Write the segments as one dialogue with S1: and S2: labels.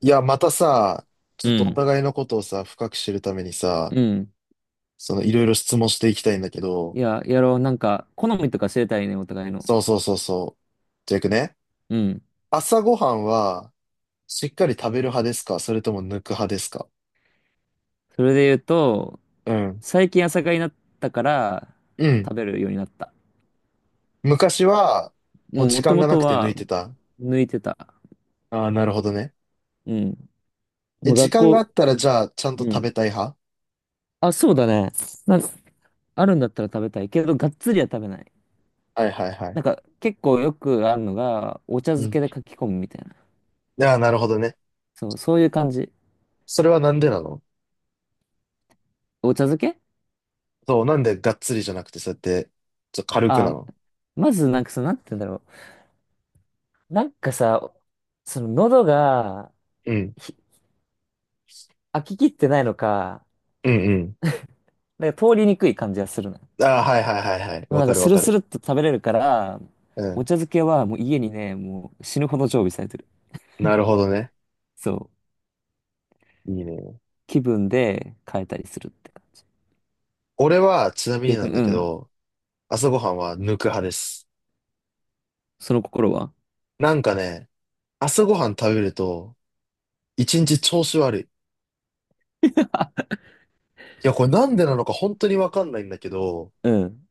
S1: いや、またさ、ち
S2: う
S1: ょっとお
S2: ん。
S1: 互いのことをさ、深く知るためにさ、
S2: うん。
S1: そのいろいろ質問していきたいんだけ
S2: い
S1: ど、
S2: や、やろう。なんか、好みとか知れたいね、お互いの。
S1: そうそうそうそう。じゃあ行くね。
S2: うん。
S1: 朝ごはんは、しっかり食べる派ですか、それとも抜く派ですか？
S2: それで言うと、
S1: うん。
S2: 最近朝霞になったから、
S1: うん。
S2: 食べるようになった。
S1: 昔は、もう
S2: もう、
S1: 時
S2: 元
S1: 間がなく
S2: 々
S1: て抜
S2: は、
S1: いてた。
S2: 抜いてた。
S1: ああ、なるほどね。
S2: うん。
S1: え、
S2: もう
S1: 時
S2: 学
S1: 間があ
S2: 校、
S1: ったら、じゃあ、ちゃんと
S2: う
S1: 食べ
S2: ん。
S1: たい派？
S2: あ、そうだね。なんか、あるんだったら食べたいけど、がっつりは食べない。
S1: はいはいはい。
S2: なんか、結構よくあるのが、お茶
S1: う
S2: 漬
S1: ん。
S2: けで書き込むみたいな。
S1: ああ、なるほどね。
S2: そう、そういう感じ。
S1: それはなんでなの？
S2: お茶漬け。
S1: そう、なんでがっつりじゃなくて、そうやって、ちょっと軽くな
S2: あ、
S1: の？
S2: まず、なんか、なんて言うんだろう。なんかさ、喉が、
S1: うん。
S2: ひ飽き切ってないのか、
S1: うんうん。
S2: なんか通りにくい感じがするの。で
S1: ああ、はいはいはいはい。
S2: も
S1: わ
S2: なん
S1: か
S2: か
S1: る
S2: ス
S1: わ
S2: ル
S1: か
S2: ス
S1: る。
S2: ルっと食べれるから、
S1: う
S2: お
S1: ん。
S2: 茶漬けはもう家にね、もう死ぬほど常備されてる。
S1: なるほどね。
S2: そう。
S1: いいね。
S2: 気分で変えたりするって感じ。
S1: 俺は、ちなみにな
S2: 逆
S1: ん
S2: に、
S1: だ
S2: う
S1: け
S2: ん。
S1: ど、朝ごはんは抜く派です。
S2: その心は？
S1: なんかね、朝ごはん食べると、一日調子悪い。い や、これなんでなのか本当にわかんないんだけど、
S2: うん。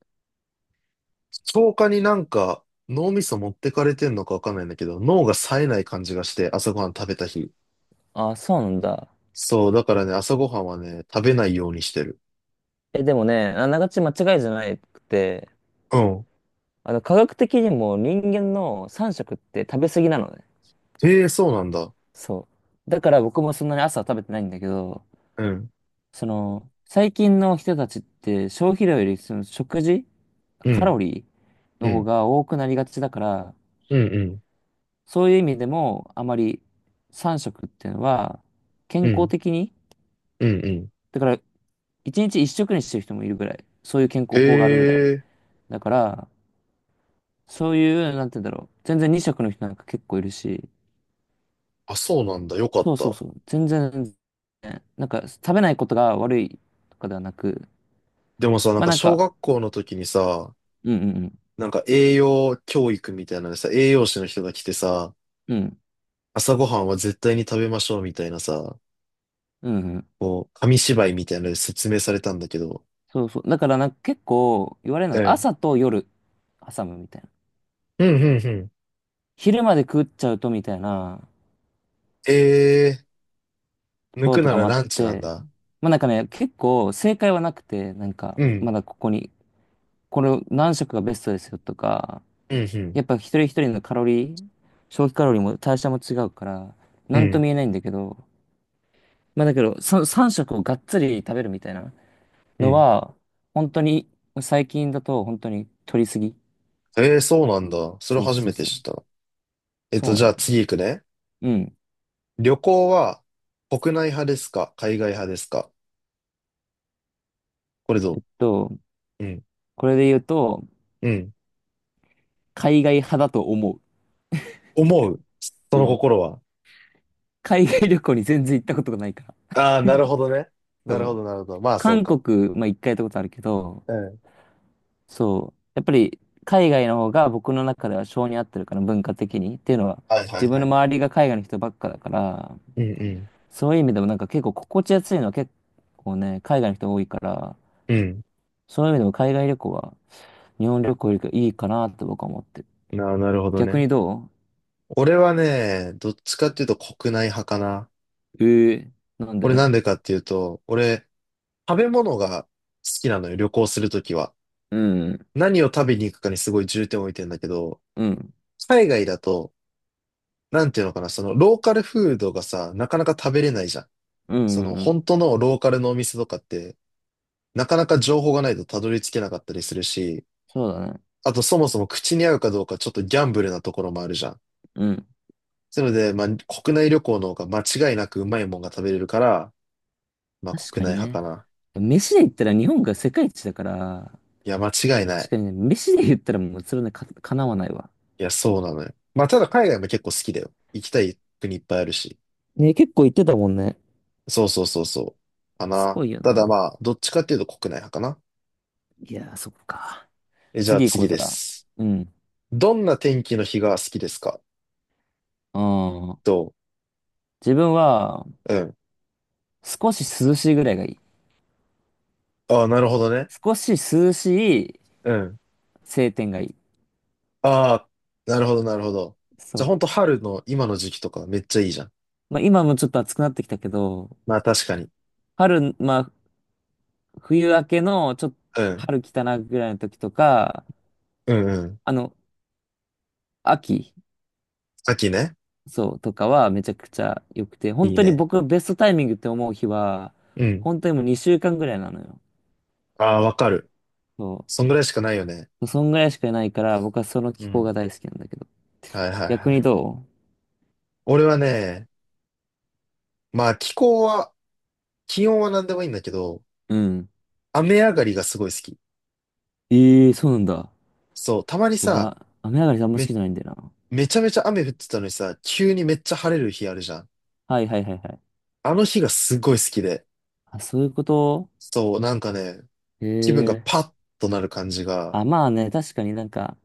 S1: 消化になんか脳みそ持ってかれてんのかわかんないんだけど、脳が冴えない感じがして、朝ごはん食べた日。
S2: あ、そうなんだ。
S1: そう、だからね、朝ごはんはね、食べないようにしてる。
S2: え、でもね、あながち間違いじゃなくて、
S1: うん。
S2: 科学的にも人間の3食って食べ過ぎなのね。
S1: へえ、そうなんだ。
S2: そう。だから僕もそんなに朝は食べてないんだけど、
S1: うん。
S2: 最近の人たちって消費量よりその食事、
S1: う
S2: カ
S1: ん。
S2: ロリー
S1: う
S2: の方
S1: ん。
S2: が多くなりがちだから、
S1: うんうん。
S2: そういう意味でもあまり3食っていうのは健
S1: う
S2: 康
S1: ん。
S2: 的に、
S1: うんうん。
S2: だから1日1食にしてる人もいるぐらい、そういう健
S1: へ
S2: 康法があるぐらい。
S1: え、
S2: だから、そういう、なんて言うんだろう、全然2食の人なんか結構いるし、
S1: あ、そうなんだ。よかっ
S2: そうそう
S1: た。
S2: そう、全然、なんか食べないことが悪いとかではなく、
S1: でもさ、なん
S2: まあ
S1: か
S2: なん
S1: 小
S2: か、
S1: 学校の時にさ、
S2: うんうん
S1: なんか栄養教育みたいなのでさ、栄養士の人が来てさ、
S2: うん、
S1: 朝ごはんは絶対に食べましょうみたいなさ、
S2: うん、うん、
S1: こう、紙芝居みたいなので説明されたんだけど。
S2: そうそう。だからなんか結構言われるの
S1: う
S2: が
S1: ん。
S2: 朝と夜挟むみたいな。
S1: うん、うん、うん。
S2: 昼まで食っちゃうとみたいな
S1: え
S2: と
S1: ー、抜
S2: ころ
S1: く
S2: と
S1: な
S2: か
S1: ら
S2: もあっ
S1: ランチなん
S2: て、
S1: だ。
S2: まあなんかね、結構正解はなくて、なんか
S1: う
S2: ま
S1: ん。
S2: だここに、これを何食がベストですよとか、
S1: うん、うん。
S2: やっぱ一人一人のカロリー、消費カロリーも代謝も違うから、
S1: う
S2: なんとも
S1: ん、
S2: 言えないんだけど、まあだけど、3食をがっつり食べるみたいな
S1: う
S2: の
S1: ん。
S2: は、本当に最近だと本当に取りすぎ。
S1: えー、そうなんだ。それ
S2: そう
S1: 初
S2: そ
S1: め
S2: う
S1: て
S2: そ
S1: 知っ
S2: う。
S1: た。えっ
S2: そう
S1: と、
S2: な
S1: じゃ
S2: の。
S1: あ次行くね。
S2: うん。
S1: 旅行は国内派ですか、海外派ですか？これど
S2: と
S1: う？うん。
S2: これで言うと、
S1: うん、
S2: 海外派だと思
S1: 思う。そ
S2: う。う
S1: の
S2: ん。
S1: 心は？
S2: 海外旅行に全然行ったことがないから。
S1: ああ、なるほどね。なる
S2: そ
S1: ほ
S2: う。
S1: ど、なるほど。まあ、そう
S2: 韓
S1: か。
S2: 国、まあ一回行ったことあるけど、
S1: うん。
S2: そう。やっぱり海外の方が僕の中では性に合ってるから、文化的に。っていうのは、
S1: はいは
S2: 自
S1: い
S2: 分
S1: は
S2: の
S1: い。
S2: 周りが海外の人ばっかだから、
S1: うん
S2: そういう意味でもなんか結構心地やすいのは結構ね、海外の人多いから、
S1: うん。うん。
S2: そういう意味でも海外旅行は日本旅行よりいいかなって僕は思ってる。
S1: な、なるほど
S2: 逆
S1: ね。
S2: にど
S1: 俺はね、どっちかっていうと国内派かな。
S2: うえー、なん
S1: これな
S2: で？
S1: んでかっていうと、俺、食べ物が好きなのよ、旅行するときは。
S2: うん。
S1: 何を食べに行くかにすごい重点を置いてんだけど、
S2: うん。
S1: 海外だと、なんていうのかな、そのローカルフードがさ、なかなか食べれないじゃん。
S2: う
S1: そ
S2: んう
S1: の
S2: んうん、
S1: 本当のローカルのお店とかって、なかなか情報がないとたどり着けなかったりするし、
S2: そうだね。
S1: あとそもそも口に合うかどうかちょっとギャンブルなところもあるじゃん。
S2: うん。
S1: なので、まあ、国内旅行の方が間違いなくうまいもんが食べれるから、まあ、
S2: 確
S1: 国
S2: か
S1: 内
S2: に
S1: 派か
S2: ね。
S1: な。
S2: 飯で言ったら日本が世界一だから、
S1: いや、間違いな
S2: 確
S1: い。
S2: かにね、飯で言ったらもうそれね、かなわないわ。
S1: いや、そうなのよ。まあ、ただ海外も結構好きだよ。行きたい国いっぱいあるし。
S2: ね、結構言ってたもんね。
S1: そうそうそうそう。か
S2: す
S1: な。
S2: ごいよ
S1: ただ
S2: な。
S1: まあ、どっちかっていうと国内派かな。
S2: いやー、そっか。
S1: え、じゃあ
S2: 次行こ
S1: 次
S2: うじ
S1: で
S2: ゃあ。
S1: す。
S2: うん。
S1: どんな天気の日が好きですか？
S2: ああ。
S1: と、
S2: 自分は、
S1: うん。
S2: 少し涼しいぐらいがいい。
S1: ああ、なるほどね。
S2: 少し涼しい
S1: うん。
S2: 晴天がいい。
S1: ああ、なるほど、なるほど。
S2: そ
S1: じゃあ、ほ
S2: う。
S1: んと春の今の時期とかめっちゃいいじゃん。
S2: まあ今もちょっと暑くなってきたけど、
S1: まあ確かに。
S2: 春、まあ冬明けのちょっと
S1: うん。
S2: 春来たなぐらいの時とか、
S1: うんうん。
S2: あの、秋。
S1: 秋ね。
S2: そう、とかはめちゃくちゃ良くて、本
S1: いい
S2: 当に
S1: ね。
S2: 僕ベストタイミングって思う日は、
S1: うん。
S2: 本当にもう2週間ぐらいなのよ。
S1: ああ、わかる。
S2: そ
S1: そんぐらいしかないよね。
S2: う。そんぐらいしかないから、僕はその
S1: う
S2: 気候
S1: ん。
S2: が大好きなんだけど。
S1: はいはい
S2: 逆
S1: は
S2: に
S1: い。
S2: ど
S1: 俺はね、まあ気候は、気温は何でもいいんだけど、
S2: う？うん。
S1: 雨上がりがすごい好き。
S2: ええー、そうなんだ。
S1: そう、たまに
S2: 僕
S1: さ、
S2: は雨上がりあんま好き
S1: め、
S2: じゃないんだよな。
S1: めちゃめちゃ雨降ってたのにさ、急にめっちゃ晴れる日あるじゃん。
S2: はいはいはいはい。
S1: あの日がすごい好きで。
S2: あ、そういうこと？
S1: そう、なんかね、
S2: へ
S1: 気分が
S2: え。
S1: パッとなる感じが。
S2: あ、まあね、確かになんか、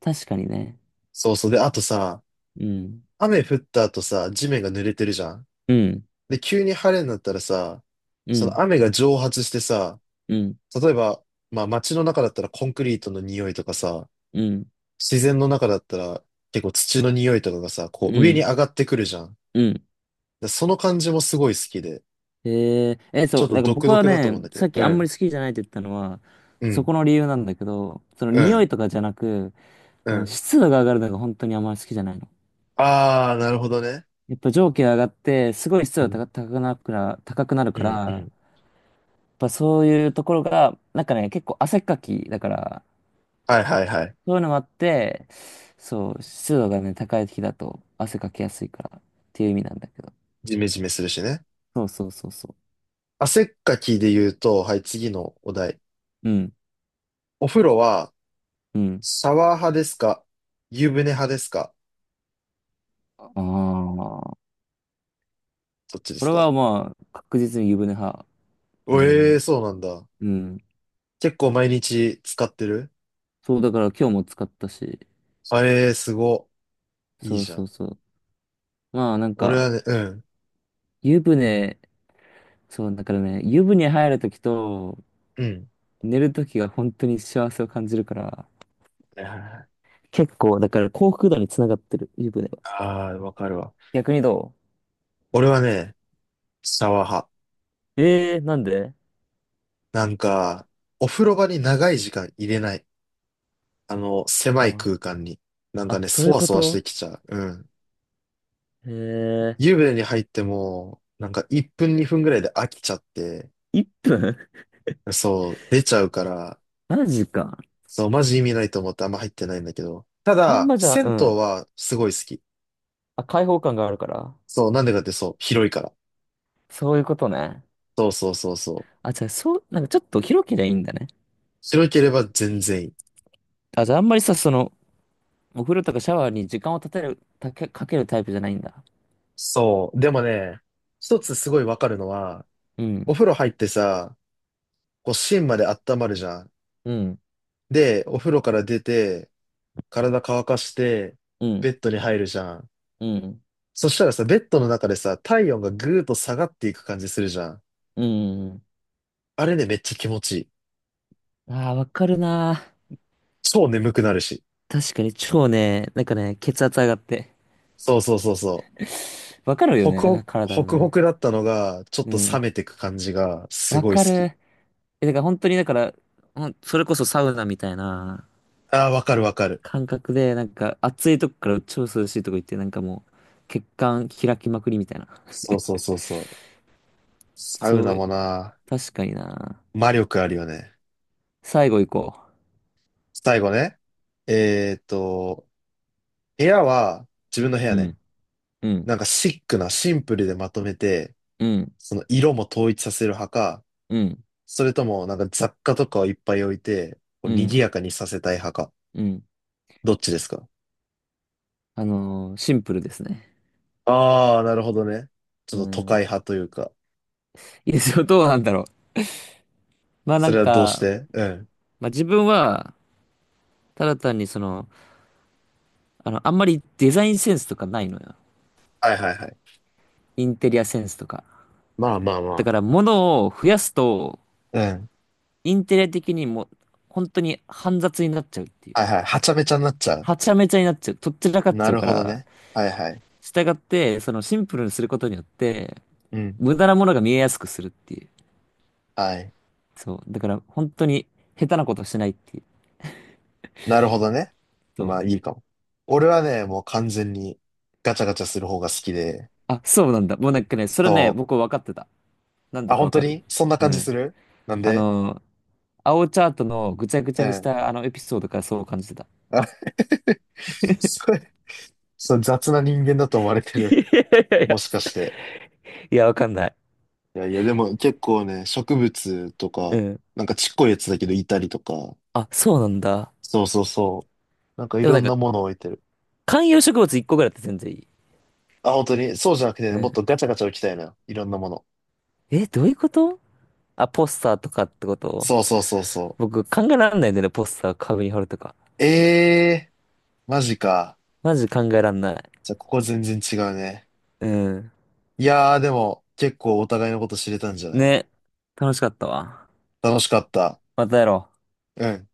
S2: 確かにね。
S1: そうそう。で、あとさ、
S2: うん。
S1: 雨降った後さ、地面が濡れてるじゃん。
S2: うん。
S1: で、急に晴れになったらさ、
S2: う
S1: その
S2: ん。
S1: 雨が蒸発してさ、
S2: うん。
S1: 例えば、まあ街の中だったらコンクリートの匂いとかさ、
S2: うん。
S1: 自然の中だったら結構土の匂いとかがさ、こ
S2: う
S1: う上に
S2: ん。
S1: 上がってくるじゃん。
S2: うん。
S1: でその感じもすごい好きで、ち
S2: そ
S1: ょっ
S2: う、
S1: と
S2: なんか
S1: 独
S2: 僕は
S1: 特だと思う
S2: ね、
S1: んだけ
S2: さ
S1: ど。
S2: っき
S1: う
S2: あんま
S1: ん、
S2: り好きじゃないって言ったのは、
S1: う
S2: そ
S1: ん、
S2: この理由なんだけど、その
S1: う
S2: 匂
S1: ん、
S2: いとかじゃなく、
S1: うん。
S2: 湿度が上がるのが本当にあんまり好きじゃないの。
S1: あー、なるほどね。
S2: やっぱ蒸気が上がって、すごい湿
S1: う
S2: 度
S1: ん、
S2: が高くなる
S1: う
S2: から、
S1: ん、う
S2: やっ
S1: ん。
S2: ぱそういうところが、なんかね、結構汗っかきだから、
S1: はいはいはい。
S2: そういうのもあって、そう、湿度がね、高い時だと汗かきやすいからっていう意味なんだけど。
S1: ジメジメするしね。
S2: そうそうそうそ
S1: 汗っかきで言うと、はい、次のお題。
S2: う。うん、
S1: お風呂は
S2: うん。
S1: シャワー派ですか、湯船派ですか？
S2: ああ、
S1: そっちで
S2: こ
S1: す
S2: れ
S1: か。
S2: はまあ、確実に湯船派。だ
S1: お
S2: ね、
S1: ええー、
S2: も
S1: そうなんだ。
S2: う。うん。
S1: 結構毎日使ってる？
S2: そう、だから今日も使ったし。
S1: あええー、すご。いい
S2: そう
S1: じゃ
S2: そう
S1: ん。
S2: そう。まあなん
S1: 俺
S2: か、
S1: はね、うん。
S2: 湯船、そう、だからね、湯船入るときと
S1: うん。
S2: 寝るときが本当に幸せを感じるから、
S1: はいはいはい。
S2: 結構、だから幸福度につながってる、湯船は。
S1: ああー、わかるわ。
S2: 逆にど
S1: 俺はね、シャワー派。
S2: うえー、なんで？
S1: なんか、お風呂場に長い時間入れない。あの、狭い空
S2: あ、
S1: 間に。なんか
S2: あ、
S1: ね、
S2: そう
S1: そ
S2: いう
S1: わ
S2: こ
S1: そわし
S2: と？
S1: てきちゃう。うん。
S2: えー、
S1: 湯船に入っても、なんか1分2分ぐらいで飽きちゃって、
S2: 1分？
S1: そう、出ちゃうから、
S2: マジか。
S1: そう、マジ意味ないと思ってあんま入ってないんだけど。た
S2: あん
S1: だ、
S2: まじゃあ、う
S1: 銭湯
S2: ん。
S1: はすごい好き。
S2: あ、開放感があるから。
S1: そう、なんでかって？そう、広いから。
S2: そういうことね。
S1: そうそうそうそう。
S2: あ、じゃあ、そう、なんかちょっと広けりゃいいんだね。
S1: 広ければ全然いい。
S2: あ、じゃあ、あんまりさ、お風呂とかシャワーに時間を立てる、たけ、かけるタイプじゃないんだ。
S1: そう。でもね、一つすごいわかるのは、
S2: う
S1: お
S2: ん、
S1: 風呂入ってさ、こう芯まで温まるじゃん。
S2: うん、
S1: で、お風呂から出て、体乾かして、
S2: う
S1: ベ
S2: ん、
S1: ッドに入るじゃん。
S2: うん、
S1: そしたらさ、ベッドの中でさ、体温がぐーっと下がっていく感じするじゃん。
S2: うん。
S1: あれね、めっちゃ気持ちいい。
S2: ああ、わかるな。
S1: 超眠くなるし。
S2: 確かに超ね、なんかね、血圧上がって。
S1: そうそうそうそう。
S2: わかるよ
S1: ホクホ
S2: ね、
S1: ク、
S2: 体
S1: ホ
S2: の
S1: クホ
S2: ね。
S1: クだったのが、ちょっ
S2: う
S1: と冷
S2: ん。
S1: めてく感じが、す
S2: わ
S1: ごい
S2: か
S1: 好き。
S2: る。え、だから本当に、だから、それこそサウナみたいな
S1: ああ、わかるわかる。
S2: 感覚で、なんか暑いとこから超涼しいとこ行って、なんかもう、血管開きまくりみたいな。
S1: そうそうそうそう。サウ
S2: そう
S1: ナ
S2: う、
S1: もな、
S2: 確かにな。
S1: 魔力あるよね。
S2: 最後行こ
S1: 最後ね。えーっと、部屋は自分の部
S2: う。
S1: 屋
S2: う
S1: ね。
S2: ん、うん、
S1: なんかシックな、シンプルでまとめて、
S2: うん、
S1: その色も統一させる派か、
S2: うん、
S1: それともなんか雑貨とかをいっぱい置いて、こう
S2: う
S1: 賑
S2: ん。
S1: やかにさせたい派か。
S2: うん。
S1: どっちですか？
S2: シンプルですね。
S1: ああー、なるほどね。ち
S2: う
S1: ょっと都会
S2: ん。
S1: 派というか。
S2: いいですよ。どうなんだろう。まあな
S1: そ
S2: ん
S1: れはどうし
S2: か、
S1: て？うん。
S2: まあ自分は、ただ単にあんまりデザインセンスとかないのよ。
S1: はいはいはい。
S2: インテリアセンスとか。
S1: まあまあ
S2: だ
S1: ま
S2: から物を増やすと、
S1: あ。うん。
S2: インテリア的にも、本当に煩雑になっちゃうっていう。
S1: はいはい。はちゃめちゃになっちゃう。
S2: はちゃめちゃになっちゃう。とっちらかっ
S1: な
S2: ちゃう
S1: る
S2: か
S1: ほど
S2: ら、
S1: ね。はいはい。
S2: 従って、そのシンプルにすることによって、
S1: うん。
S2: 無駄なものが見えやすくするっていう。
S1: はい。
S2: そう。だから本当に下手なことしないっていう。
S1: なるほどね。
S2: そ
S1: ま
S2: う。
S1: あいいかも。俺はね、もう完全にガチャガチャする方が好きで。
S2: あ、そうなんだ。もうなんかね、それね、
S1: そ
S2: 僕分かってた。なん
S1: う。
S2: で
S1: あ、
S2: か
S1: 本
S2: 分
S1: 当
S2: かる？
S1: にそんな
S2: う
S1: 感じ
S2: ん。
S1: する？なん
S2: あ
S1: で？
S2: の、青チャートのぐちゃぐち
S1: う
S2: ゃにし
S1: ん。
S2: たあのエピソードからそう感じてた。
S1: あ、 それ、そう、雑な人間だと思われて
S2: い
S1: る。
S2: やいやい
S1: も
S2: や。
S1: しかして。
S2: いや、わかんない。
S1: いやいや、でも結構ね、植物と
S2: う
S1: か、
S2: ん。
S1: なんかちっこいやつだけどいたりとか。
S2: あ、そうなんだ。
S1: そうそうそう。なんかい
S2: でも
S1: ろ
S2: なん
S1: ん
S2: か、
S1: なものを置いてる。
S2: 観葉植物1個ぐらいだって全然いい。
S1: あ、本当にそうじゃなくて
S2: う
S1: ね、もっ
S2: ん。
S1: とガチャガチャ置きたいな。いろんなもの。
S2: え、どういうこと？あ、ポスターとかってこと？
S1: そうそうそうそ
S2: 僕考えらんないんだよね、ポスター壁に貼るとか。
S1: う。ええー、マジか。
S2: マジ考えらんない。
S1: じゃあ、ここ全然違うね。
S2: うん。
S1: いやー、でも、結構お互いのこと知れたんじゃない？
S2: ね。楽しかったわ。
S1: 楽しかった。
S2: またやろう。
S1: うん。